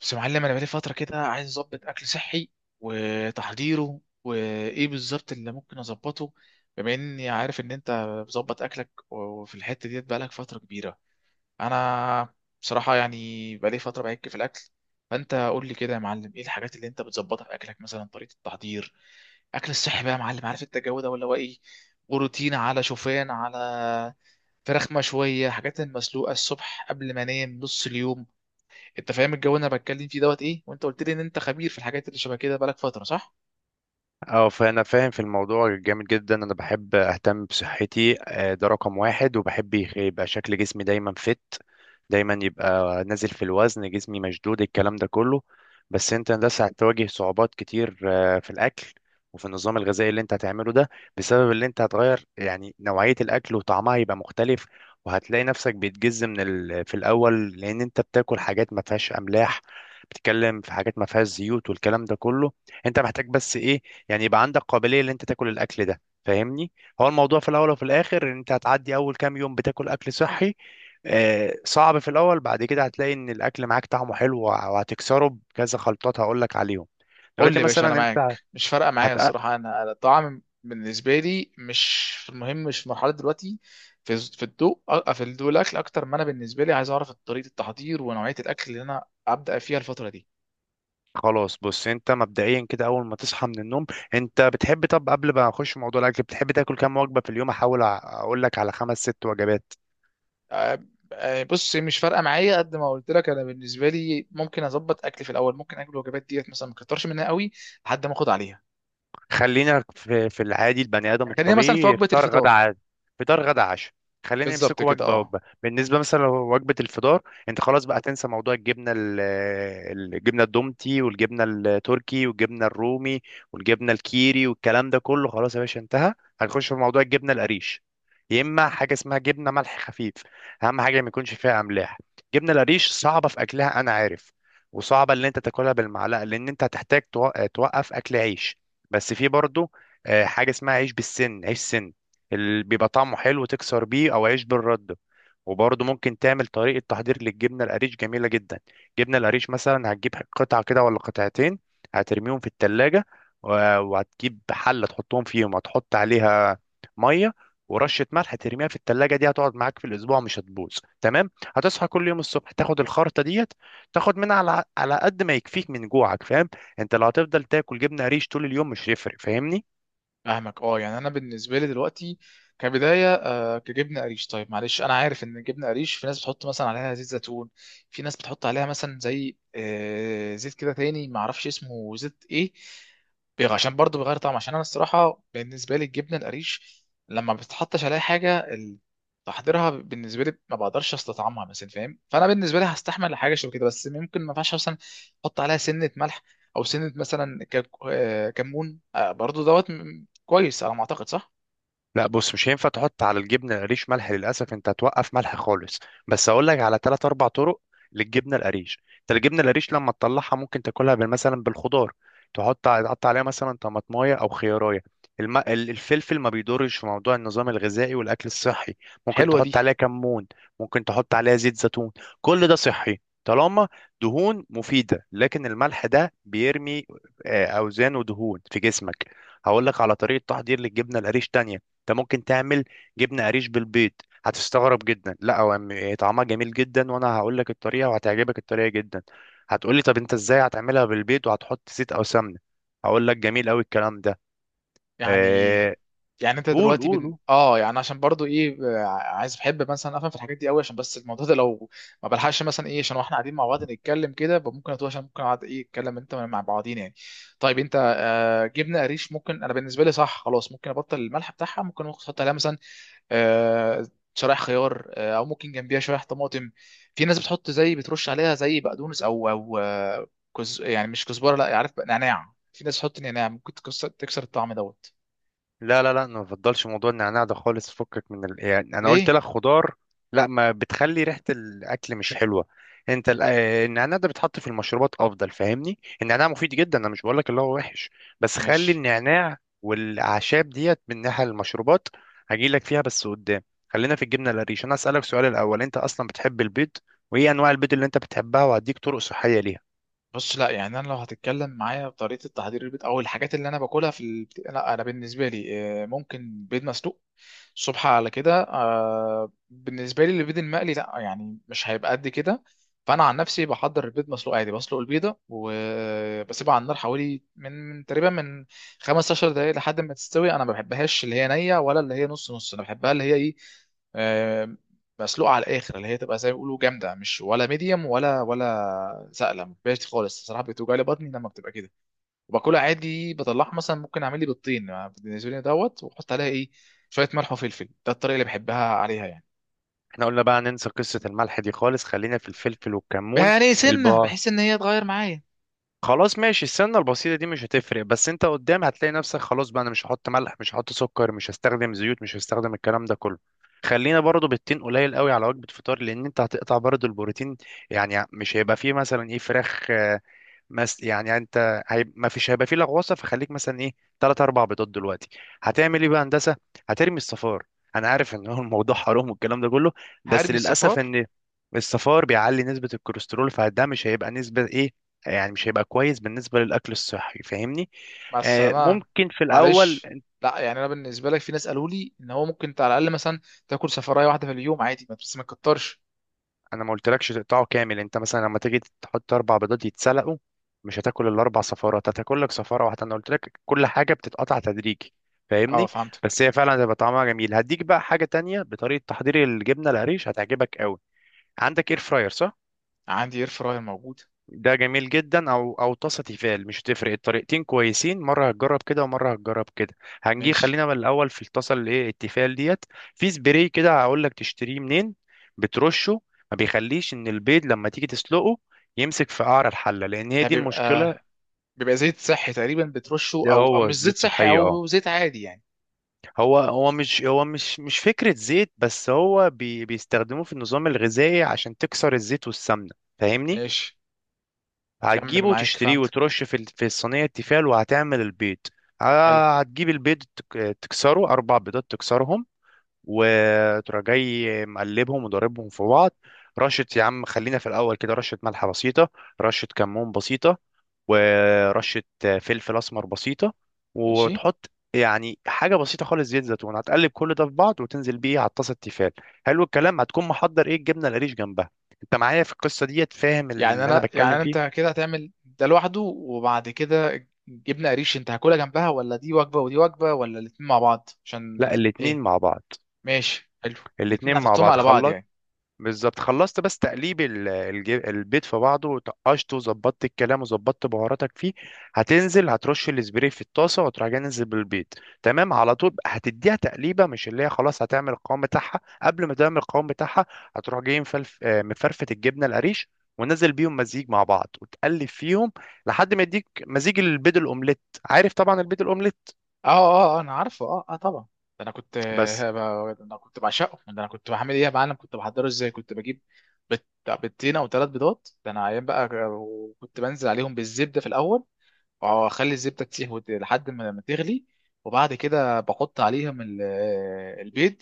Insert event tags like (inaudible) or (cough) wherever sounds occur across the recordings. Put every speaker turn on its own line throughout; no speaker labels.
بس يا معلم انا بقالي فتره كده عايز اظبط اكل صحي وتحضيره وايه بالظبط اللي ممكن اظبطه بما اني عارف ان انت بظبط اكلك وفي الحته ديت بقالك فتره كبيره. انا بصراحه يعني بقالي فتره بعك في الاكل، فانت قول لي كده يا معلم ايه الحاجات اللي انت بتظبطها في اكلك، مثلا طريقه التحضير اكل الصحي بقى يا معلم، عارف انت الجو ده ولا هو ايه؟ بروتين على شوفان على فراخ مشويه حاجات المسلوقه الصبح قبل ما انام نص اليوم، انت فاهم الجو اللي انا بتكلم فيه دوت ايه، وانت قلت لي ان انت خبير في الحاجات اللي شبه كده بقالك فتره، صح؟
اه، فانا فاهم في الموضوع جامد جدا. انا بحب اهتم بصحتي، ده رقم واحد. وبحب يبقى شكل جسمي دايما، دايما يبقى نازل في الوزن، جسمي مشدود، الكلام ده كله. بس انت لسه هتواجه صعوبات كتير في الاكل وفي النظام الغذائي اللي انت هتعمله ده، بسبب اللي انت هتغير يعني نوعية الاكل وطعمها يبقى مختلف. وهتلاقي نفسك بيتجز في الاول، لان انت بتاكل حاجات ما فيهاش املاح، بتتكلم في حاجات ما فيهاش زيوت والكلام ده كله. انت محتاج بس ايه؟ يعني يبقى عندك قابليه ان انت تاكل الاكل ده، فاهمني؟ هو الموضوع في الاول وفي الاخر ان انت هتعدي اول كام يوم بتاكل اكل صحي، صعب في الاول. بعد كده هتلاقي ان الاكل معاك طعمه حلو، وهتكسره بكذا خلطات هقول لك عليهم.
قول لي
دلوقتي
يا باشا انا
مثلا انت
معاك، مش فارقه معايا
هتق
الصراحه، انا الطعام بالنسبه لي مش في المهم، مش في مرحله دلوقتي. في الضوء الاكل، اكتر ما انا بالنسبه لي عايز اعرف طريقه التحضير ونوعيه الاكل اللي انا ابدا فيها الفتره دي.
خلاص، بص، انت مبدئيا كده اول ما تصحى من النوم، انت بتحب طب قبل ما اخش في موضوع الاكل، بتحب تاكل كام وجبه في اليوم؟ احاول اقول لك على خمس ست وجبات.
أ- بص، مش فارقه معايا قد ما قلت لك، انا بالنسبه لي ممكن اظبط اكلي في الاول، ممكن اكل الوجبات ديت مثلا ما كترش منها قوي لحد ما اخد عليها.
خلينا في العادي، البني ادم
يعني خلينا مثلا في
الطبيعي
وجبه
فطار غدا
الفطار.
عادي، فطار غدا عشاء. خلينا
بالظبط
نمسكه
كده،
وجبه
اه.
وجبه، بالنسبه مثلا لو وجبه الفطار، انت خلاص بقى تنسى موضوع الجبنه الجبنه الدومتي والجبنه التركي والجبنه الرومي والجبنه الكيري والكلام ده كله، خلاص يا باشا انتهى. هنخش في موضوع الجبنه القريش، يا اما حاجه اسمها جبنه ملح خفيف. اهم حاجه ما يكونش فيها املاح. الجبنه القريش صعبه في اكلها انا عارف، وصعبه ان انت تاكلها بالمعلقه لان انت هتحتاج توقف اكل عيش. بس في برضه حاجه اسمها عيش بالسن، عيش سن، اللي بيبقى طعمه حلو تكسر بيه، او عيش بالرده. وبرضه ممكن تعمل طريقه تحضير للجبنه القريش جميله جدا. جبنه القريش مثلا هتجيب قطعه كده ولا قطعتين، هترميهم في التلاجة، وهتجيب حله تحطهم فيهم، هتحط عليها ميه ورشه ملح، ترميها في التلاجة، دي هتقعد معاك في الاسبوع، مش هتبوظ، تمام؟ هتصحى كل يوم الصبح تاخد الخرطه ديت، تاخد منها على قد ما يكفيك من جوعك، فاهم؟ انت لو هتفضل تاكل جبنه قريش طول اليوم مش هيفرق، فاهمني؟
فاهمك، اه. يعني انا بالنسبه لي دلوقتي كبدايه كجبنه قريش. طيب معلش، انا عارف ان الجبنه قريش في ناس بتحط مثلا عليها زيت زيتون، في ناس بتحط عليها مثلا زي زيت كده تاني ما اعرفش اسمه زيت ايه، عشان برضه بيغير طعم، عشان انا الصراحه بالنسبه لي الجبنه القريش لما ما بتحطش عليها حاجه تحضيرها بالنسبه لي ما بقدرش استطعمها مثلا، فاهم؟ فانا بالنسبه لي هستحمل حاجه شبه كده، بس ممكن ما ينفعش مثلا احط عليها سنه ملح، او سنه مثلا كمون برضو دوت كويس على ما اعتقد، صح؟
لا بص، مش هينفع تحط على الجبنه القريش ملح، للاسف انت هتوقف ملح خالص. بس اقول لك على ثلاث اربع طرق للجبنه القريش. انت الجبنه القريش لما تطلعها ممكن تاكلها مثلا بالخضار، تحط عليها مثلا طماطمايه او خيارايه. الفلفل ما بيضرش في موضوع النظام الغذائي والاكل الصحي، ممكن
حلوه دي.
تحط عليها كمون، ممكن تحط عليها زيت زيتون، كل ده صحي طالما دهون مفيده. لكن الملح ده بيرمي اوزان ودهون في جسمك. هقول لك على طريقه تحضير للجبنه القريش تانية، انت ممكن تعمل جبنه قريش بالبيض. هتستغرب جدا، لا هو طعمها جميل جدا، وانا هقول لك الطريقه وهتعجبك الطريقه جدا. هتقولي طب انت ازاي هتعملها بالبيض وهتحط زيت او سمنه، هقول لك جميل قوي الكلام ده.
يعني
آه...
يعني انت
قول
دلوقتي
قول
بن...
قول.
اه يعني عشان برضو ايه، عايز بحب مثلا افهم في الحاجات دي قوي، عشان بس الموضوع ده لو ما بلحقش مثلا ايه، عشان واحنا قاعدين مع بعض نتكلم كده يبقى ممكن اتوه، عشان ممكن اقعد ايه اتكلم انت مع بعضين يعني. طيب انت جبنه قريش ممكن انا بالنسبه لي، صح خلاص، ممكن ابطل الملح بتاعها، ممكن احط عليها مثلا آه، شرايح خيار او ممكن جنبيها شرايح طماطم، في ناس بتحط زي بترش عليها زي بقدونس او كز يعني مش كزبره، لا عارف بقى، نعناع، في ناس بتحط نعناع ممكن تكسر الطعم دوت.
لا لا لا، أنا ما بفضلش موضوع النعناع ده خالص، فكك يعني انا قلت
ليه؟
لك خضار. لا، ما بتخلي ريحة الاكل مش حلوة. انت النعناع ده بيتحط في المشروبات افضل، فاهمني؟ النعناع مفيد جدا، انا مش بقول لك اللي هو وحش، بس خلي
ماشي.
النعناع والاعشاب ديت من ناحية المشروبات، هجي لك فيها بس قدام. خلينا في الجبنة القريش، انا اسالك سؤال الاول: انت اصلا بتحب البيض؟ وايه انواع البيض اللي انت بتحبها؟ وهديك طرق صحية ليها.
بص، لا يعني انا لو هتتكلم معايا بطريقه تحضير البيض او الحاجات اللي انا باكلها في لا انا بالنسبه لي ممكن بيض مسلوق الصبح على كده. بالنسبه لي البيض المقلي لا، يعني مش هيبقى قد كده، فانا عن نفسي بحضر البيض مسلوق عادي، بسلق البيضه وبسيبها على النار حوالي من تقريبا 15 دقائق لحد ما تستوي. انا ما بحبهاش اللي هي نيه ولا اللي هي نص نص، انا بحبها اللي هي ايه، آه، مسلوقه على الاخر، اللي هي تبقى زي ما بيقولوا جامده، مش ولا ميديوم ولا سائله، ما بحبهاش خالص الصراحه، بتوجع لي بطني لما بتبقى كده. وباكلها عادي بطلعها، مثلا ممكن اعمل لي بيضتين يعني بالنسبه لي دوت، واحط عليها ايه شويه ملح وفلفل، ده الطريقه اللي بحبها عليها يعني.
احنا قلنا بقى ننسى قصة الملح دي خالص، خلينا في الفلفل والكمون.
يعني
الب...
سنه بحس ان هي تغير معايا.
خلاص ماشي، السنة البسيطة دي مش هتفرق، بس انت قدام هتلاقي نفسك خلاص بقى، انا مش هحط ملح، مش هحط سكر، مش هستخدم زيوت، مش هستخدم الكلام ده كله. خلينا برضو بالتين قليل قوي على وجبة فطار، لان انت هتقطع برضو البروتين، يعني مش هيبقى فيه مثلا ايه فراخ. يعني انت ما فيش، هيبقى فيه لغوصه، فخليك مثلا ايه، ثلاث اربع بيضات دلوقتي. هتعمل ايه بقى هندسه؟ هترمي الصفار. انا عارف ان هو الموضوع حرام والكلام ده كله، بس
هرمي
للاسف
الصفار.
ان الصفار بيعلي نسبه الكوليسترول، فده مش هيبقى نسبه ايه، يعني مش هيبقى كويس بالنسبه للاكل الصحي، فاهمني؟
مع
آه،
السلامه.
ممكن في الاول.
معلش. لا يعني انا بالنسبه لك في ناس قالوا لي ان هو ممكن انت على الاقل مثلا تاكل صفرايه واحده في اليوم عادي، ما بس ما تكترش.
انا ما قلتلكش تقطعه كامل، انت مثلا لما تيجي تحط اربع بيضات يتسلقوا، مش هتاكل الاربع صفارة، انت هتاكل لك صفارة واحدة، انا قلت لك كل حاجة بتتقطع تدريجي،
اه،
فاهمني؟
فهمتك.
بس هي فعلا هتبقى طعمها جميل. هديك بقى حاجة تانية بطريقة تحضير الجبنة القريش هتعجبك قوي. عندك اير فراير؟ صح،
عندي اير فراير موجود.
ده جميل جدا، او طاسه تيفال، مش تفرق، الطريقتين كويسين، مره هتجرب كده ومره هتجرب كده. هنجي
ماشي.
خلينا من الاول في الطاسه اللي ايه التيفال ديت. في سبراي كده هقول لك تشتريه منين، بترشه، ما بيخليش ان البيض لما تيجي تسلقه يمسك في قعر الحله، لان هي
ده
دي
بيبقى
المشكله.
زيت صحي تقريبا بترشه،
ده
او
هو
او مش زيت
زيوت
صحي
صحيه، اه.
او زيت عادي يعني؟
هو هو مش هو مش فكره زيت، بس هو بيستخدموه في النظام الغذائي عشان تكسر الزيت والسمنه، فاهمني؟
ماشي، كمل
هتجيبه
معاك،
وتشتريه
فهمتك.
وترش في الصينية التيفال، وهتعمل البيض.
حلو.
هتجيب البيض، تكسره أربع بيضات، تكسرهم وتروح جاي مقلبهم وضاربهم في بعض. رشة يا عم، خلينا في الأول كده رشة ملح بسيطة، رشة كمون بسيطة، ورشة فلفل أسمر بسيطة،
ماشي.
وتحط يعني حاجة بسيطة خالص زيت زيتون، هتقلب كل ده في بعض وتنزل بيه على الطاسة التيفال. حلو الكلام. هتكون محضر ايه الجبنة القريش جنبها. انت معايا في القصة ديت؟ فاهم
يعني
اللي انا
انا يعني
بتكلم
أنا انت
فيه؟
كده هتعمل ده لوحده وبعد كده جبنه قريش انت هاكلها جنبها، ولا دي وجبه ودي وجبه، ولا الاتنين مع بعض
لا،
عشان
الاتنين
ايه؟
مع بعض،
ماشي حلو.
الاتنين
الاتنين
مع
هتحطهم
بعض
على بعض
خلط.
يعني.
بالظبط. خلصت بس تقليب البيض في بعضه وطقشته وظبطت الكلام وظبطت بهاراتك فيه، هتنزل هترش الاسبري في الطاسه وتروح جاي ننزل بالبيض. تمام على طول هتديها تقليبه، مش اللي هي خلاص هتعمل القوام بتاعها. قبل ما تعمل القوام بتاعها هتروح جاي مفلف آه، مفرفت الجبنه القريش، ونزل بيهم مزيج مع بعض وتقلب فيهم لحد ما يديك مزيج البيض الاومليت. عارف طبعا البيض الاومليت؟
انا عارفه، اه اه طبعا. ده انا كنت
بس
انا كنت بعشقه، ده انا كنت بعمل ايه يا معلم، كنت بحضره ازاي، كنت بجيب بت- بيضتين او ثلاث بيضات. ده انا ايام بقى، وكنت بنزل عليهم بالزبده في الاول، واخلي الزبده تسيح لحد ما تغلي، وبعد كده بحط عليهم البيض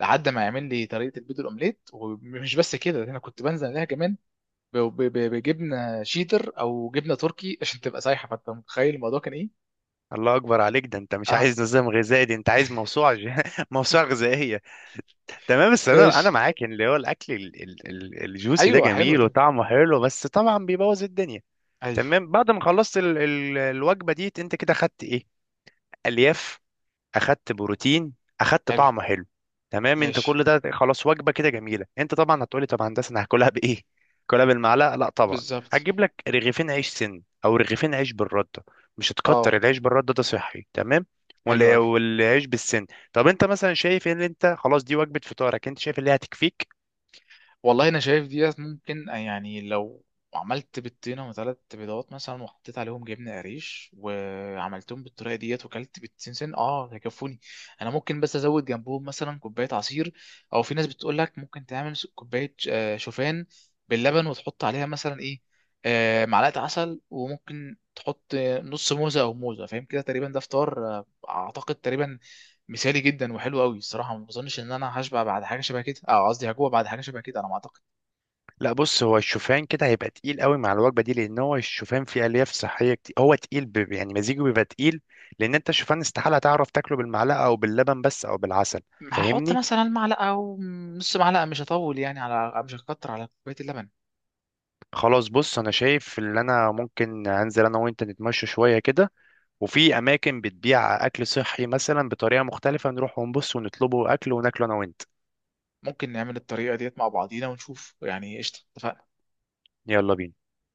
لحد ما يعمل لي طريقه البيض الاومليت، ومش بس كده، ده انا كنت بنزل عليها كمان بجبنه شيدر او جبنه تركي عشان تبقى سايحه، فانت متخيل الموضوع كان ايه؟
الله اكبر عليك، ده انت مش
اه.
عايز نظام غذائي، دي انت عايز (laughs) موسوعه غذائيه. تمام، بس انا
ماشي.
معاك ان اللي هو الاكل الجوسي ده
ايوه حلو
جميل
ده.
وطعمه حلو، بس طبعا بيبوظ الدنيا.
ايوه.
تمام، بعد ما خلصت الوجبه دي انت كده خدت ايه؟ الياف، اخدت بروتين، اخدت
حلو.
طعمه حلو. تمام، انت
ماشي.
كل ده خلاص وجبه كده جميله. انت طبعا هتقولي طب يا هندسه انا هاكلها بايه. هاكلها بالمعلقه؟ لا طبعا.
بالظبط.
هتجيب لك رغيفين عيش سن او رغيفين عيش بالرده، مش
اه.
هتكتر، العيش بالرده ده صحي تمام،
حلو
ولا
قوي.
والعيش بالسن. طب انت مثلا شايف ان انت خلاص دي وجبه فطارك؟ انت شايف اللي هتكفيك؟
والله انا شايف ديت ممكن، يعني لو عملت بيضتين وثلاث بيضات مثلا وحطيت عليهم جبنه قريش وعملتهم بالطريقه ديت وكلت بيضتين سن، اه هيكفوني. انا ممكن بس ازود جنبهم مثلا كوبايه عصير، او في ناس بتقول لك ممكن تعمل كوبايه شوفان باللبن وتحط عليها مثلا ايه معلقه عسل، وممكن تحط نص موزه او موزه، فاهم كده تقريبا؟ ده فطار اعتقد تقريبا مثالي جدا وحلو قوي الصراحه. ما بظنش ان انا هشبع بعد حاجه شبه كده، اه قصدي هجوع بعد حاجه شبه كده انا ما اعتقد.
لا بص، هو الشوفان كده هيبقى تقيل قوي مع الوجبه دي، لان هو الشوفان فيه الياف صحيه كتير، هو تقيل يعني مزيجه بيبقى تقيل، لان انت الشوفان استحاله تعرف تاكله بالمعلقه او باللبن بس او بالعسل،
هحط
فاهمني؟
مثلا معلقه او نص معلقه، مش هطول يعني على، مش هكتر على كوبايه اللبن.
خلاص، بص، انا شايف ان انا ممكن انزل انا وانت نتمشى شويه كده، وفي اماكن بتبيع اكل صحي مثلا بطريقه مختلفه، نروح ونبص ونطلبه اكل وناكله انا وانت.
ممكن نعمل الطريقه ديت مع بعضينا ونشوف يعني، قشطه اتفقنا.
يلا بينا.